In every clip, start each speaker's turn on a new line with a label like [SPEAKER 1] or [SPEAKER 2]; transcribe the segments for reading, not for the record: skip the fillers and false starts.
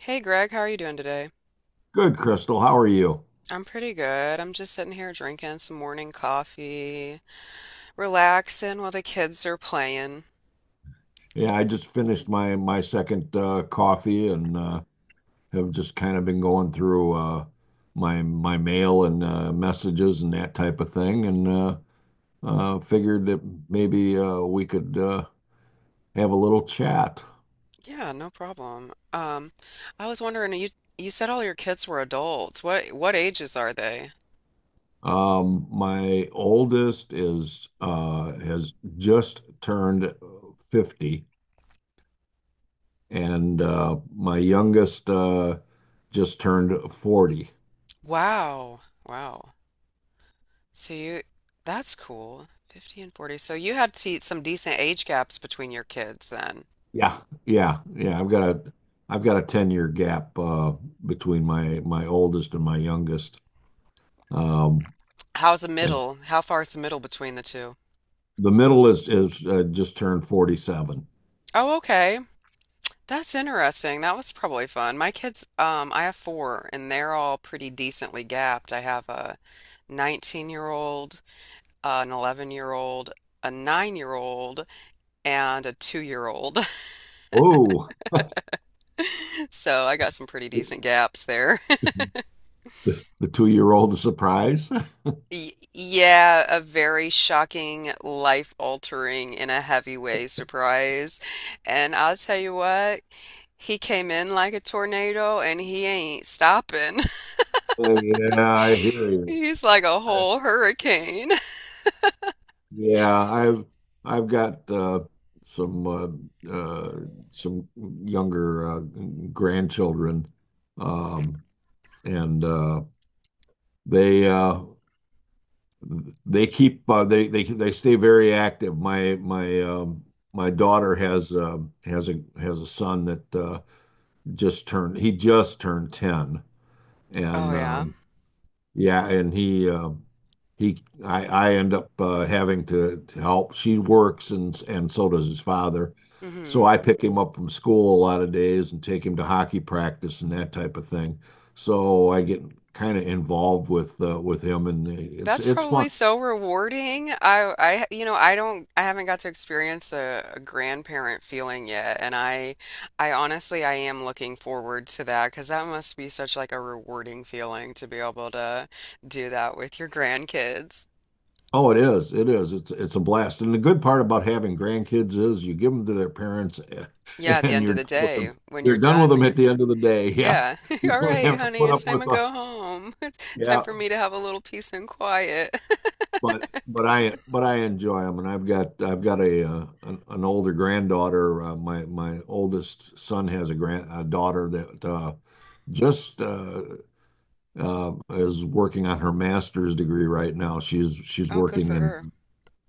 [SPEAKER 1] Hey Greg, how are you doing today?
[SPEAKER 2] Good, Crystal. How are you?
[SPEAKER 1] I'm pretty good. I'm just sitting here drinking some morning coffee, relaxing while the kids are playing.
[SPEAKER 2] Yeah, I just finished my second coffee and have just kind of been going through my mail and messages and that type of thing, and figured that maybe we could have a little chat.
[SPEAKER 1] Yeah, no problem. I was wondering, you said all your kids were adults. What ages are they?
[SPEAKER 2] My oldest is has just turned 50, and my youngest just turned 40.
[SPEAKER 1] Wow. Wow. So you that's cool. 50 and 40. So you had to some decent age gaps between your kids then.
[SPEAKER 2] Yeah, yeah, yeah. I've got a 10-year gap between my oldest and my youngest. Um
[SPEAKER 1] How's the
[SPEAKER 2] and
[SPEAKER 1] middle? How far is the middle between the two?
[SPEAKER 2] the middle is just turned 47.
[SPEAKER 1] Oh, okay. That's interesting. That was probably fun. My kids, I have four, and they're all pretty decently gapped. I have a 19-year-old, an 11-year-old, a 9 year old, and a 2 year old.
[SPEAKER 2] Oh,
[SPEAKER 1] So I got some pretty decent gaps there.
[SPEAKER 2] the, the 2-year-old is surprised.
[SPEAKER 1] Yeah, a very shocking, life altering, in a heavy way surprise. And I'll tell you what, he came in like a tornado and he ain't stopping.
[SPEAKER 2] Yeah, I hear you.
[SPEAKER 1] He's like a
[SPEAKER 2] I,
[SPEAKER 1] whole hurricane.
[SPEAKER 2] yeah, I've got some uh, uh some younger grandchildren um and they uh they keep they stay very active. My daughter has a son that just turned he just turned 10,
[SPEAKER 1] Oh
[SPEAKER 2] and
[SPEAKER 1] yeah.
[SPEAKER 2] yeah, and he I end up having to help. She works and so does his father. So
[SPEAKER 1] Hmm.
[SPEAKER 2] I pick him up from school a lot of days and take him to hockey practice and that type of thing. So I get kind of involved with him and it's
[SPEAKER 1] That's
[SPEAKER 2] it's fun.
[SPEAKER 1] probably so rewarding. I I don't, I haven't got to experience the grandparent feeling yet, and I honestly, I am looking forward to that, because that must be such like a rewarding feeling to be able to do that with your grandkids.
[SPEAKER 2] Oh, it is. It is. It's a blast. And the good part about having grandkids is you give them to their parents
[SPEAKER 1] Yeah, at the
[SPEAKER 2] and
[SPEAKER 1] end of
[SPEAKER 2] you're
[SPEAKER 1] the
[SPEAKER 2] done with
[SPEAKER 1] day
[SPEAKER 2] them.
[SPEAKER 1] when
[SPEAKER 2] You're
[SPEAKER 1] you're
[SPEAKER 2] done with
[SPEAKER 1] done.
[SPEAKER 2] them at the end of the day. Yeah.
[SPEAKER 1] Yeah.
[SPEAKER 2] You
[SPEAKER 1] All
[SPEAKER 2] don't
[SPEAKER 1] right,
[SPEAKER 2] have to
[SPEAKER 1] honey,
[SPEAKER 2] put up
[SPEAKER 1] it's time
[SPEAKER 2] with
[SPEAKER 1] to
[SPEAKER 2] a
[SPEAKER 1] go home. It's time
[SPEAKER 2] yeah,
[SPEAKER 1] for me to have a little peace and quiet.
[SPEAKER 2] but but I enjoy them and I've got an older granddaughter. My oldest son has a daughter that just is working on her master's degree right now. She's she's
[SPEAKER 1] Oh, good
[SPEAKER 2] working
[SPEAKER 1] for
[SPEAKER 2] in
[SPEAKER 1] her.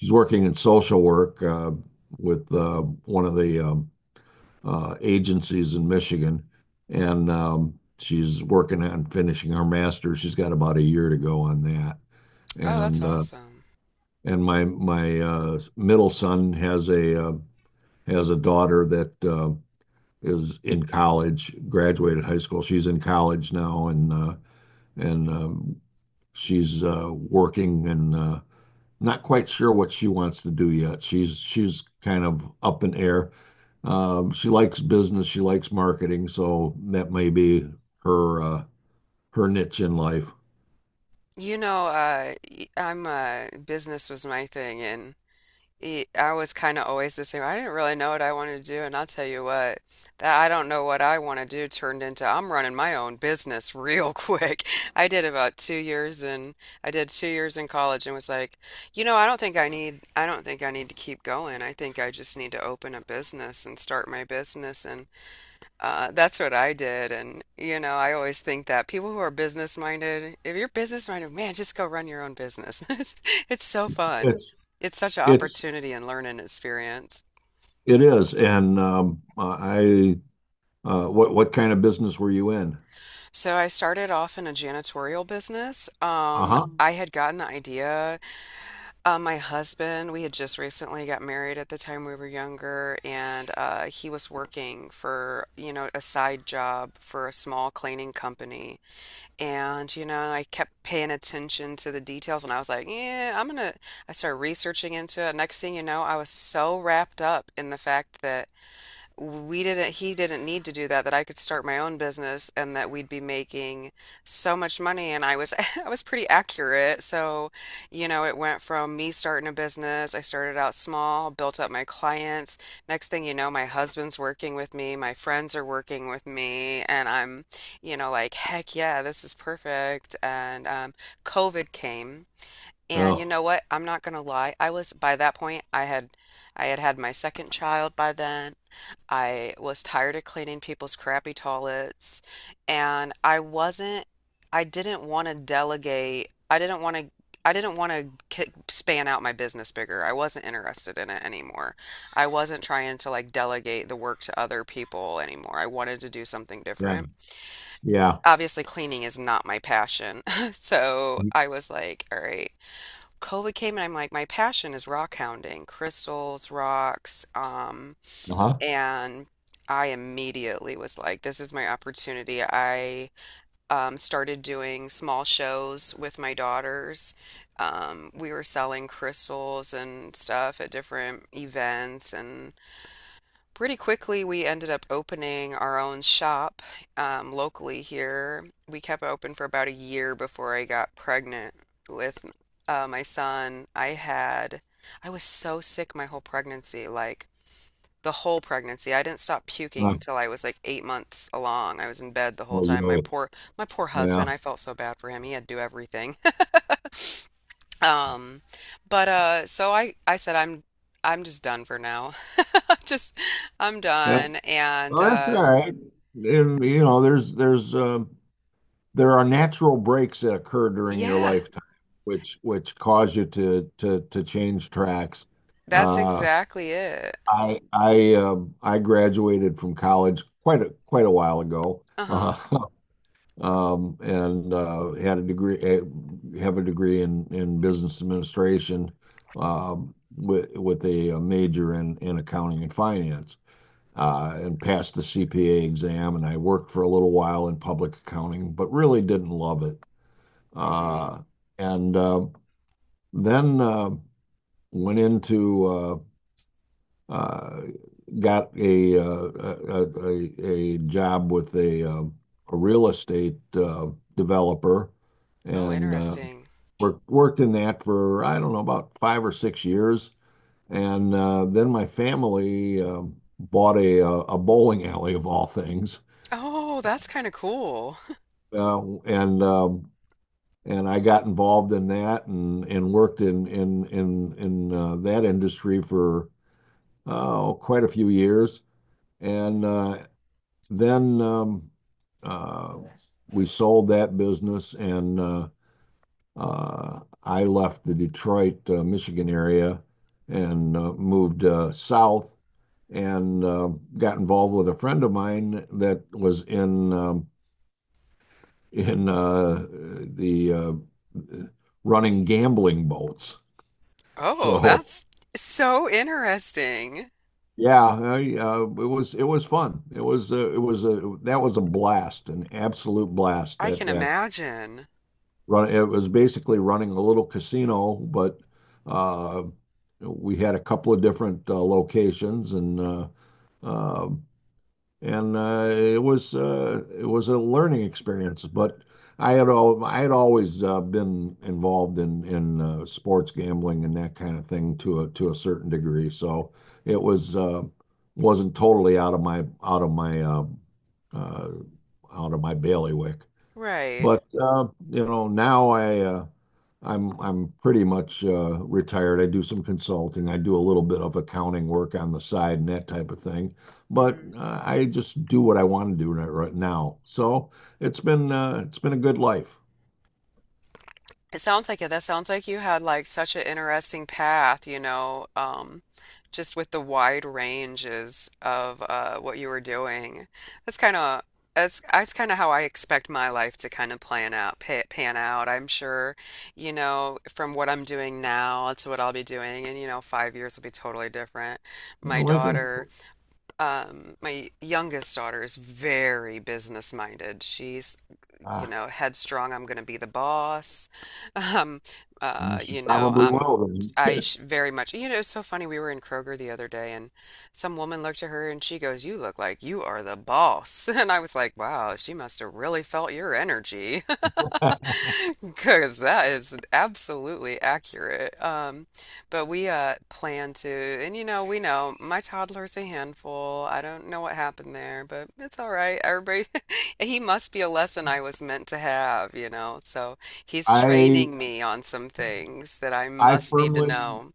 [SPEAKER 2] she's working in social work with one of the agencies in Michigan, and she's working on finishing her master's. She's got about a year to go on that,
[SPEAKER 1] Oh, that's
[SPEAKER 2] and uh,
[SPEAKER 1] awesome.
[SPEAKER 2] and my middle son has a daughter that is in college, graduated high school. She's in college now, and she's working and not quite sure what she wants to do yet. She's kind of up in air. She likes business, she likes marketing, so that may be her uh, her niche in life.
[SPEAKER 1] You know, I'm business was my thing, and I was kind of always the same. I didn't really know what I wanted to do, and I'll tell you what, that I don't know what I want to do turned into I'm running my own business real quick. I did about 2 years, and I did 2 years in college, and was like, you know, I don't think I need to keep going. I think I just need to open a business and start my business, and that's what I did. And, you know, I always think that people who are business minded, if you're business minded, man, just go run your own business. It's so
[SPEAKER 2] It's
[SPEAKER 1] fun.
[SPEAKER 2] it's
[SPEAKER 1] It's such an
[SPEAKER 2] it's
[SPEAKER 1] opportunity and learn and experience.
[SPEAKER 2] it is. And I What kind of business were you in?
[SPEAKER 1] So I started off in a janitorial business.
[SPEAKER 2] Uh-huh.
[SPEAKER 1] I had gotten the idea. My husband, we had just recently got married at the time, we were younger, and he was working for, a side job for a small cleaning company. And, I kept paying attention to the details, and I was like, yeah, I'm gonna. I started researching into it. Next thing you know, I was so wrapped up in the fact that we didn't, he didn't need to do that, that I could start my own business and that we'd be making so much money, and I was, I was pretty accurate. So, it went from me starting a business. I started out small, built up my clients. Next thing you know, my husband's working with me, my friends are working with me, and I'm, like, heck yeah, this is perfect. And COVID came. And you
[SPEAKER 2] Oh,
[SPEAKER 1] know what, I'm not gonna lie, I was, by that point I had, had my second child by then. I was tired of cleaning people's crappy toilets, and I wasn't, I didn't want to delegate. I didn't want to k span out my business bigger. I wasn't interested in it anymore. I wasn't trying to like delegate the work to other people anymore. I wanted to do something
[SPEAKER 2] yeah,
[SPEAKER 1] different.
[SPEAKER 2] yeah.
[SPEAKER 1] Obviously, cleaning is not my passion. So I was like, all right. COVID came, and I'm like, my passion is rock hounding, crystals, rocks,
[SPEAKER 2] Uh-huh.
[SPEAKER 1] and I immediately was like, this is my opportunity. I started doing small shows with my daughters. We were selling crystals and stuff at different events, and pretty quickly we ended up opening our own shop, locally here. We kept it open for about a year before I got pregnant with my son. I was so sick my whole pregnancy. Like, the whole pregnancy. I didn't stop
[SPEAKER 2] Uh,
[SPEAKER 1] puking till I was like 8 months along. I was in bed the whole
[SPEAKER 2] well, you
[SPEAKER 1] time.
[SPEAKER 2] know
[SPEAKER 1] My
[SPEAKER 2] it.
[SPEAKER 1] poor, my poor
[SPEAKER 2] Yeah.
[SPEAKER 1] husband. I felt so bad for him. He had to do everything. Um, but so, I said, I'm just done for now. Just, I'm
[SPEAKER 2] Yeah.
[SPEAKER 1] done. And
[SPEAKER 2] Well, that's all right. And, you know, there are natural breaks that occur during your
[SPEAKER 1] yeah,
[SPEAKER 2] lifetime, which cause you to change tracks.
[SPEAKER 1] that's
[SPEAKER 2] Uh,
[SPEAKER 1] exactly it.
[SPEAKER 2] I graduated from college quite a while ago,
[SPEAKER 1] Uh-huh.
[SPEAKER 2] and had a degree eh, have a degree in business administration, with a major in accounting and finance. And passed the CPA exam, and I worked for a little while in public accounting, but really didn't love it.
[SPEAKER 1] Mm hmm.
[SPEAKER 2] Uh, And then went into uh, got a job with a real estate developer
[SPEAKER 1] Oh,
[SPEAKER 2] and
[SPEAKER 1] interesting.
[SPEAKER 2] worked in that for, I don't know, about 5 or 6 years. And then my family bought a bowling alley of all things.
[SPEAKER 1] Oh, that's kind of cool.
[SPEAKER 2] Uh, And um, and I got involved in that and worked in that industry for oh, quite a few years. And then uh, we sold that business, and I left the Detroit, Michigan area and moved south and got involved with a friend of mine that was in the running gambling boats.
[SPEAKER 1] Oh,
[SPEAKER 2] So
[SPEAKER 1] that's so interesting.
[SPEAKER 2] yeah, it was fun. It was a That was a blast, an absolute blast.
[SPEAKER 1] I
[SPEAKER 2] That
[SPEAKER 1] can
[SPEAKER 2] that
[SPEAKER 1] imagine.
[SPEAKER 2] run It was basically running a little casino, but uh, we had a couple of different locations, uh, and it was a learning experience. But I had always been involved in sports gambling and that kind of thing to a certain degree, so it was wasn't totally uh, out of my bailiwick.
[SPEAKER 1] Right.
[SPEAKER 2] But you know, now I'm pretty much retired. I do some consulting. I do a little bit of accounting work on the side and that type of thing.
[SPEAKER 1] Mm
[SPEAKER 2] But
[SPEAKER 1] hmm.
[SPEAKER 2] I just do what I want to do right now. So it's been a good life.
[SPEAKER 1] It sounds like it. That sounds like you had like such an interesting path, you know, just with the wide ranges of what you were doing. That's kind of that's kind of how I expect my life to kind of plan out, pa pan out. I'm sure, you know, from what I'm doing now to what I'll be doing in, you know, 5 years will be totally different.
[SPEAKER 2] You
[SPEAKER 1] My
[SPEAKER 2] know, like a,
[SPEAKER 1] daughter, my youngest daughter is very business minded. She's,
[SPEAKER 2] ah,
[SPEAKER 1] headstrong, I'm going to be the boss. Um, uh,
[SPEAKER 2] you
[SPEAKER 1] you know,
[SPEAKER 2] probably
[SPEAKER 1] I'm
[SPEAKER 2] will then.
[SPEAKER 1] very much, it's so funny. We were in Kroger the other day, and some woman looked at her and she goes, "You look like you are the boss." And I was like, "Wow, she must have really felt your energy." Because that is absolutely accurate. But we plan to, and we know my toddler's a handful. I don't know what happened there, but it's all right. Everybody, he must be a lesson I was meant to have. So he's
[SPEAKER 2] I
[SPEAKER 1] training me on some things that I
[SPEAKER 2] I
[SPEAKER 1] must need to
[SPEAKER 2] firmly
[SPEAKER 1] know.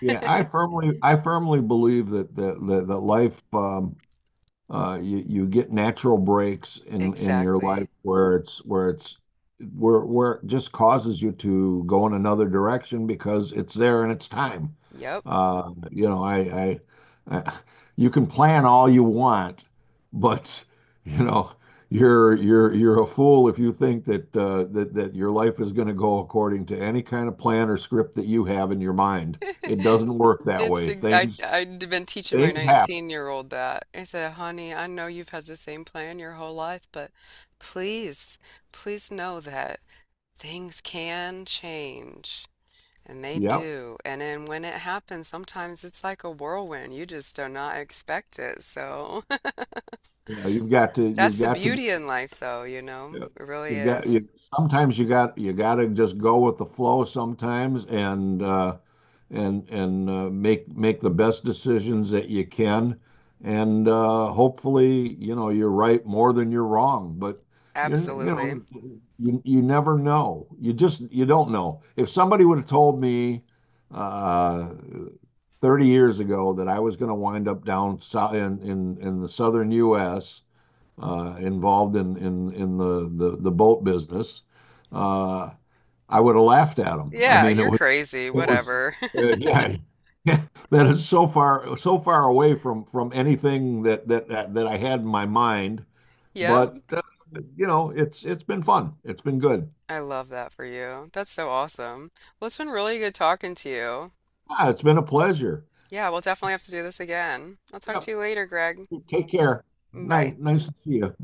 [SPEAKER 2] Yeah, I firmly believe that life. You get natural breaks in your life
[SPEAKER 1] Exactly.
[SPEAKER 2] where it just causes you to go in another direction because it's there and it's time.
[SPEAKER 1] Yep.
[SPEAKER 2] You know, I you can plan all you want, but you know, you're a fool if you think that your life is going to go according to any kind of plan or script that you have in your mind. It doesn't work that
[SPEAKER 1] It's
[SPEAKER 2] way.
[SPEAKER 1] ex I
[SPEAKER 2] Things
[SPEAKER 1] I'd been teaching my
[SPEAKER 2] things happen.
[SPEAKER 1] 19-year-old that. I said, "Honey, I know you've had the same plan your whole life, but please, please know that things can change." And they
[SPEAKER 2] Yep.
[SPEAKER 1] do. And then when it happens, sometimes it's like a whirlwind. You just do not expect it. So
[SPEAKER 2] You know, you've got to, you've
[SPEAKER 1] that's the
[SPEAKER 2] got to,
[SPEAKER 1] beauty in life, though, you know? It really
[SPEAKER 2] you got,
[SPEAKER 1] is.
[SPEAKER 2] you, sometimes you got to just go with the flow sometimes and make the best decisions that you can. And, hopefully, you know, you're right more than you're wrong, but you, you
[SPEAKER 1] Absolutely.
[SPEAKER 2] know, you never know. You don't know. If somebody would have told me, uh, 30 years ago that I was going to wind up down in the southern U.S, involved in the boat business, uh, I would have laughed at him. I
[SPEAKER 1] Yeah,
[SPEAKER 2] mean,
[SPEAKER 1] you're crazy.
[SPEAKER 2] it was
[SPEAKER 1] Whatever.
[SPEAKER 2] yeah. Yeah, that is so far away from anything that I had in my mind,
[SPEAKER 1] Yep.
[SPEAKER 2] but you know it's been fun. It's been good.
[SPEAKER 1] I love that for you. That's so awesome. Well, it's been really good talking to you.
[SPEAKER 2] It's been a pleasure.
[SPEAKER 1] Yeah, we'll definitely have to do this again. I'll talk
[SPEAKER 2] Yep.
[SPEAKER 1] to you later, Greg.
[SPEAKER 2] Take care. Nice
[SPEAKER 1] Bye.
[SPEAKER 2] nice to see you. Bye.